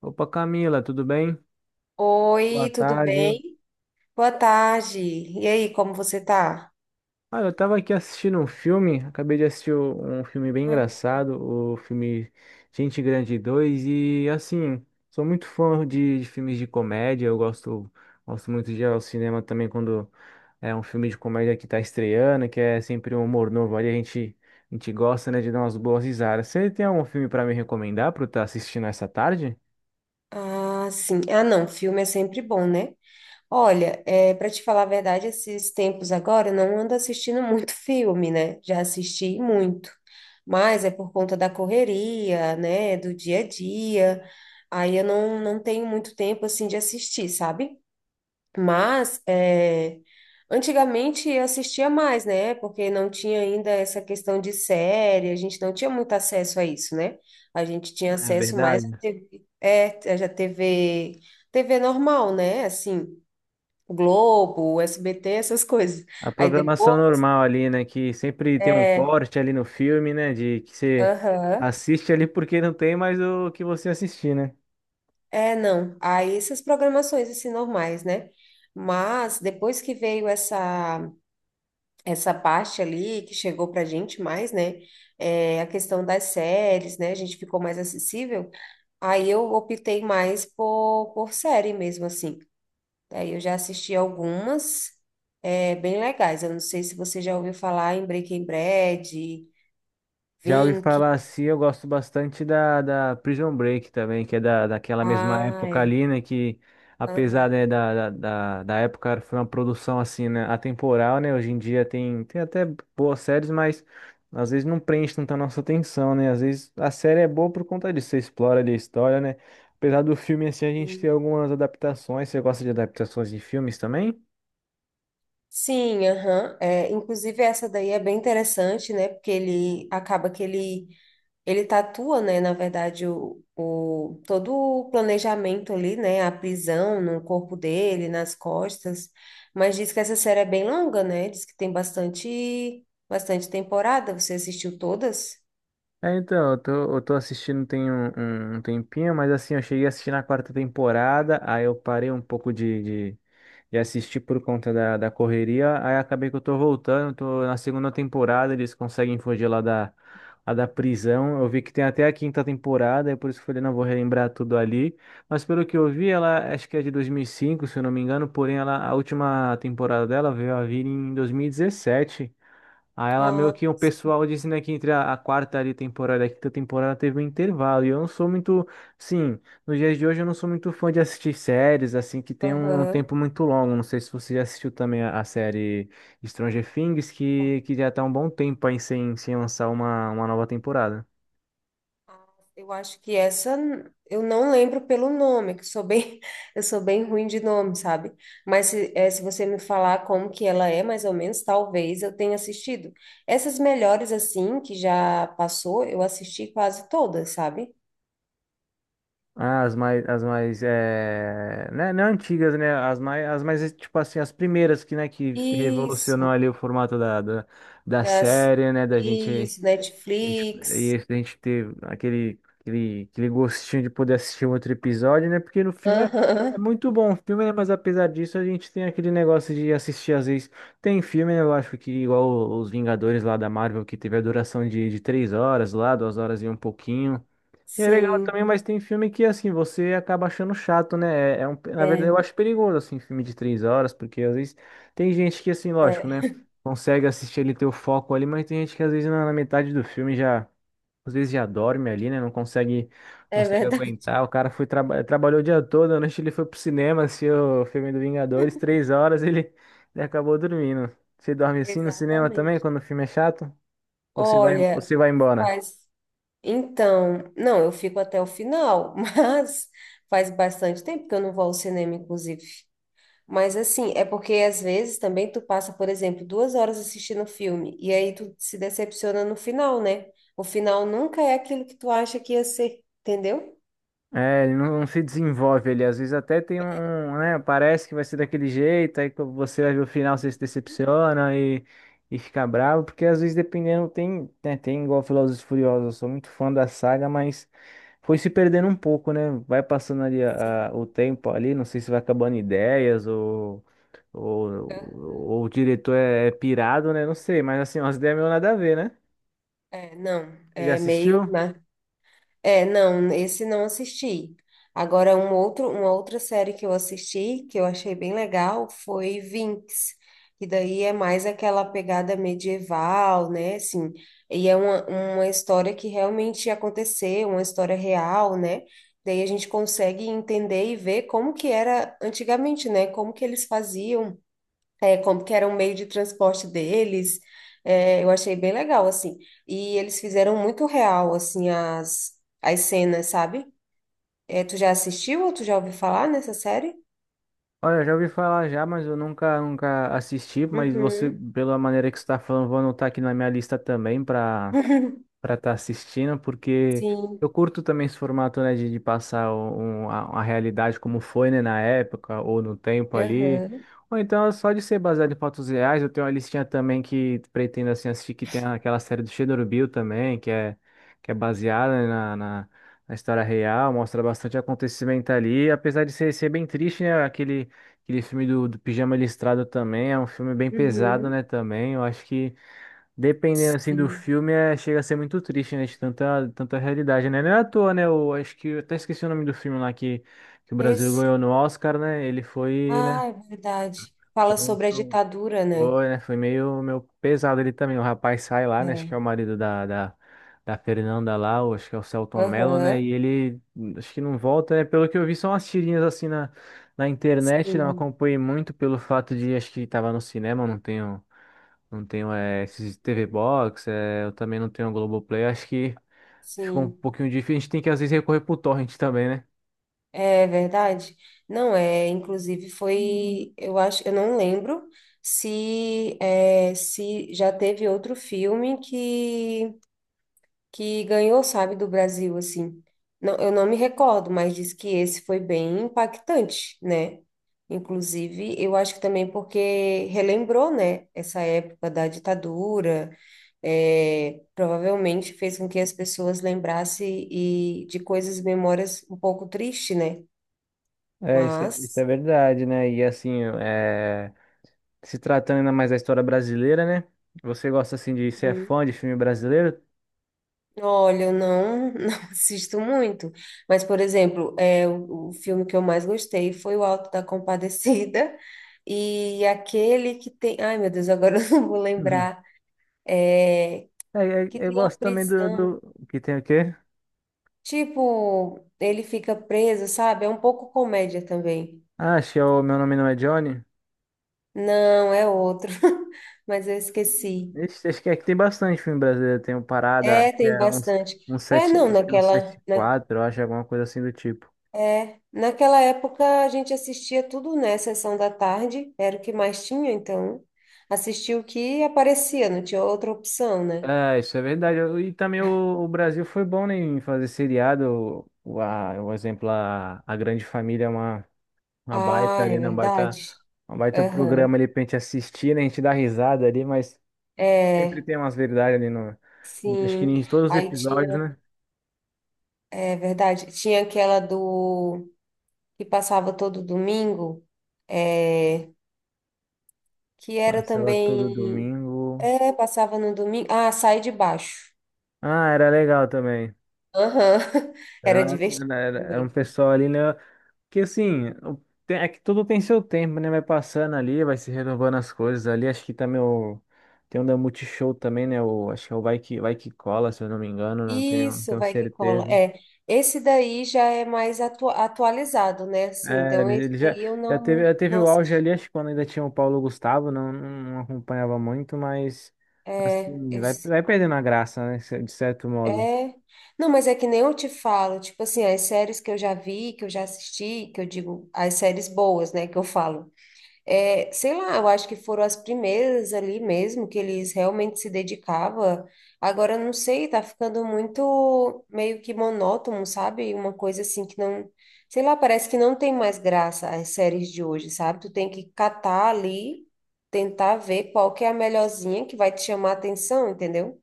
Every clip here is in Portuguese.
Opa, Camila, tudo bem? Boa Oi, tudo tarde. bem? Boa tarde. E aí, como você tá? Olha, eu tava aqui assistindo um filme, acabei de assistir um filme bem Ah, engraçado, o filme Gente Grande 2. E assim, sou muito fã de filmes de comédia, eu gosto muito de ir ao cinema também quando é um filme de comédia que tá estreando, que é sempre um humor novo ali, a gente gosta, né, de dar umas boas risadas. Você tem algum filme pra me recomendar pra eu estar assistindo essa tarde? Sim. Ah, não, filme é sempre bom, né? Olha, é, para te falar a verdade, esses tempos agora eu não ando assistindo muito filme, né? Já assisti muito, mas é por conta da correria, né? Do dia a dia. Aí eu não tenho muito tempo assim de assistir, sabe? Mas é, antigamente eu assistia mais, né? Porque não tinha ainda essa questão de série, a gente não tinha muito acesso a isso, né? A gente tinha É acesso mais à verdade? TV, é, já TV, TV normal, né? Assim, Globo, SBT, essas coisas. A Aí programação depois, normal ali, né? Que sempre tem um é, corte ali no filme, né? De que você aham, assiste ali porque não tem mais o que você assistir, né? é, não. Aí essas programações assim normais, né? Mas depois que veio essa parte ali que chegou pra gente mais, né? É, a questão das séries, né? A gente ficou mais acessível. Aí eu optei mais por série mesmo, assim. Aí eu já assisti algumas, é, bem legais. Eu não sei se você já ouviu falar em Breaking Bad, Já ouvi Vink. falar assim, eu gosto bastante da Prison Break também, que é da, daquela mesma Ah, época é. ali, né? Que apesar, né, Aham. da época foi uma produção assim, né, atemporal, né? Hoje em dia tem até boas séries, mas às vezes não prende tanta nossa atenção, né? Às vezes a série é boa por conta disso, você explora ali a história, né? Apesar do filme assim, a gente tem Sim. algumas adaptações. Você gosta de adaptações de filmes também? Sim, aham. É, inclusive essa daí é bem interessante, né? Porque ele acaba que ele tatua, né, na verdade, todo o planejamento ali, né, a prisão no corpo dele, nas costas, mas diz que essa série é bem longa, né, diz que tem bastante, bastante temporada, você assistiu todas? É, então, eu tô assistindo tem um tempinho, mas assim, eu cheguei a assistir na quarta temporada, aí eu parei um pouco de assistir por conta da correria, aí acabei que eu tô voltando, tô na segunda temporada, eles conseguem fugir lá da prisão, eu vi que tem até a quinta temporada, é por isso que eu falei, não vou relembrar tudo ali, mas pelo que eu vi, ela acho que é de 2005, se eu não me engano, porém ela, a última temporada dela veio a vir em 2017. Aí ela meio Ah, que o pessoal dizendo que entre a, quarta ali temporada e a quinta temporada teve um intervalo. E eu não sou muito, sim, nos dias de hoje eu não sou muito fã de assistir séries assim que tem um aham. tempo muito longo. Não sei se você já assistiu também a, série Stranger Things, que já tá um bom tempo aí sem lançar uma nova temporada. Eu acho que essa eu não lembro pelo nome, que sou bem, eu sou bem ruim de nome, sabe? Mas se, se você me falar como que ela é, mais ou menos, talvez eu tenha assistido. Essas melhores assim que já passou, eu assisti quase todas, sabe? Ah, as mais, né, não antigas, né, as mais, tipo assim, as primeiras que, né, que revolucionou Isso, ali o formato da das, série, né, da gente. isso, A gente- Netflix. E a gente ter aquele gostinho de poder assistir um outro episódio, né? Porque no filme é Aham, muito bom o filme, né? Mas apesar disso, a gente tem aquele negócio de assistir às vezes. Tem filme, né? Eu acho que igual os Vingadores lá da Marvel, que teve a duração de 3 horas lá, 2 horas e um pouquinho. E é legal sim, também, mas tem filme que, assim, você acaba achando chato, né? É um, na verdade, eu é, acho perigoso, assim, filme de 3 horas, porque às vezes tem gente que, assim, lógico, né? é, Consegue assistir ele ter o foco ali, mas tem gente que às vezes na metade do filme já, às vezes já dorme ali, né? Não consegue, é consegue verdade. aguentar. O cara foi trabalhou o dia todo, à noite ele foi pro cinema, assistiu o filme do Vingadores, 3 horas, ele acabou dormindo. Você dorme assim no cinema também, Exatamente. quando o filme é chato? Ou Olha, você vai embora? faz. Então, não, eu fico até o final, mas faz bastante tempo que eu não vou ao cinema, inclusive. Mas assim, é porque às vezes também tu passa, por exemplo, duas horas assistindo um filme e aí tu se decepciona no final, né? O final nunca é aquilo que tu acha que ia ser, entendeu? É, ele não se desenvolve ele. Às vezes até tem um, né? Parece que vai ser daquele jeito, aí quando você vai ver o final, você se decepciona e fica bravo, porque às vezes dependendo tem, né, tem igual Velozes e Furiosos, eu sou muito fã da saga, mas foi se perdendo um pouco, né? Vai passando ali Sim. o tempo ali, não sei se vai acabando ideias ou, ou, Aham. ou o diretor é pirado, né? Não sei, mas assim, umas ideias meio nada a ver, né? É, não, Você já é meio, assistiu? né? É, não, esse não assisti. Agora, uma outra série que eu assisti, que eu achei bem legal, foi Vinx, que daí é mais aquela pegada medieval, né? Assim, e é uma história que realmente aconteceu, uma história real, né? Daí a gente consegue entender e ver como que era antigamente, né? Como que eles faziam é, como que era um meio de transporte deles, é, eu achei bem legal, assim. E eles fizeram muito real, assim, as cenas, sabe? É, tu já assistiu ou tu já ouviu falar nessa série? Olha, eu já ouvi falar já, mas eu nunca assisti. Mas você, Uhum. pela maneira que você está falando, vou anotar aqui na minha lista também para para estar assistindo, porque Sim. eu curto também esse formato, né, de passar a, realidade como foi, né, na época ou no tempo ali. Uhum. Ou então, só de ser baseado em fatos reais, eu tenho uma listinha também que pretendo, assim, assistir, que tem aquela série do Chernobyl também, que é, baseada, né, na história real, mostra bastante acontecimento ali, apesar de ser bem triste, né, aquele filme do Pijama Listrado também, é um filme bem pesado, Uhum. né, também, eu acho que dependendo assim do Sim. filme, chega a ser muito triste, né? De tanta, tanta realidade, né? Não é à toa, né? Eu acho que eu até esqueci o nome do filme lá que o Brasil Esse. ganhou no Oscar, né? Ele foi, né? Ah, é verdade. Fala Foi, sobre a foi- ditadura, né? foi, né? Foi meio pesado ele também. O rapaz sai lá, né? Acho que é o É. marido da, da Fernanda lá, ou acho que é o Celton Mello, né? Aham. E ele acho que não volta, né? Pelo que eu vi, são umas tirinhas assim na internet, não Sim. acompanhei muito pelo fato de acho que tava no cinema, não tenho. Não tenho esses TV Box, eu também não tenho a Globoplay. Acho que ficou um Sim. pouquinho difícil. A gente tem que às vezes recorrer pro torrent também, né? É verdade? Não, é, inclusive foi, eu acho, eu não lembro se é, se já teve outro filme que ganhou, sabe, do Brasil assim. Não, eu não me recordo, mas diz que esse foi bem impactante, né? Inclusive, eu acho que também porque relembrou, né, essa época da ditadura, é, provavelmente fez com que as pessoas lembrassem e de coisas, memórias um pouco tristes, né? É, isso, é isso é Mas, verdade, né? E assim, se tratando ainda mais da história brasileira, né? Você gosta assim de ser hum, fã de filme brasileiro? olha, eu não, não assisto muito. Mas, por exemplo, é, o filme que eu mais gostei foi o Alto da Compadecida. E aquele que tem. Ai, meu Deus, agora eu não vou Uhum. lembrar. É, É, que eu tem a gosto também prisão. Que tem o quê? Tipo, ele fica preso, sabe? É um pouco comédia também. Ah, acho que é o Meu Nome Não é Johnny. Não, é outro. Mas eu esqueci. Ixi, acho que tem bastante filme brasileiro. Tem o Parada, É, acho que tem é uns, bastante. uns É, sete, não, acho que é um naquela, 74, eu acho, alguma coisa assim do tipo. Naquela época a gente assistia tudo, né? Sessão da tarde, era o que mais tinha, então assistia o que aparecia, não tinha outra opção, né? É, isso é verdade. E também o Brasil foi bom, né, em fazer seriado. O exemplo, a Grande Família é uma baita Ah, é ali, né? Um baita, verdade. um baita Aham. programa ali pra gente assistir, né? A gente dá risada ali, mas sempre É, tem umas verdades ali no. Acho que sim. em todos os Aí episódios, tinha, né? é verdade, tinha aquela do que passava todo domingo, é, que era Passava todo também, domingo. é, passava no domingo. Ah, Sai de Baixo. Ah, era legal também. Aham. Era Era, divertido era um também. pessoal ali, né? Que assim, é que tudo tem seu tempo, né? Vai passando ali, vai se renovando as coisas ali. Acho que também o. Tem um da Multishow também, né? O, acho que é o Vai Que, Vai Que Cola, se eu não me engano, não tenho, não Isso, tenho vai que cola. certeza. É, esse daí já é mais atualizado, né? Assim, É, então ele esse ele já, daí eu já teve, não, já teve não o auge assisti. ali, acho que quando ainda tinha o Paulo Gustavo, não acompanhava muito, mas É, assim, vai, esse, vai perdendo a graça, né? De certo modo. é. Não, mas é que nem eu te falo, tipo assim, as séries que eu já vi, que eu já assisti, que eu digo, as séries boas, né, que eu falo. É, sei lá, eu acho que foram as primeiras ali mesmo que eles realmente se dedicavam. Agora, não sei, tá ficando muito meio que monótono, sabe? Uma coisa assim que não, sei lá, parece que não tem mais graça as séries de hoje, sabe? Tu tem que catar ali, tentar ver qual que é a melhorzinha que vai te chamar a atenção, entendeu?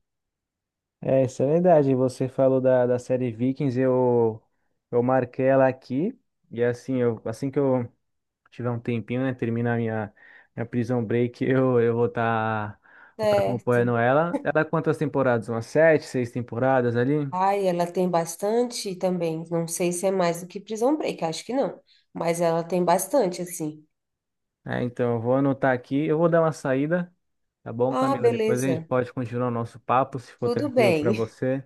É, isso é verdade. Você falou da, série Vikings, eu marquei ela aqui. E assim, assim que eu tiver um tempinho, né? Terminar minha Prison Break, eu vou tá Certo. acompanhando ela. Ela é quantas temporadas? Umas sete, seis temporadas ali? Ai, ela tem bastante também. Não sei se é mais do que Prison Break, acho que não, mas ela tem bastante assim. É, então, eu vou anotar aqui. Eu vou dar uma saída, tá bom, Ah, Camila? Depois a gente beleza. pode continuar o nosso papo, se for Tudo tranquilo para bem, você.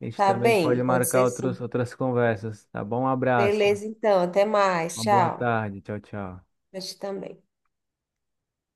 A gente tá também bem, pode pode marcar ser sim. outros, outras conversas, tá bom? Um abraço, Beleza, então, até mais, uma boa tchau. tarde. Tchau, tchau. Mas também.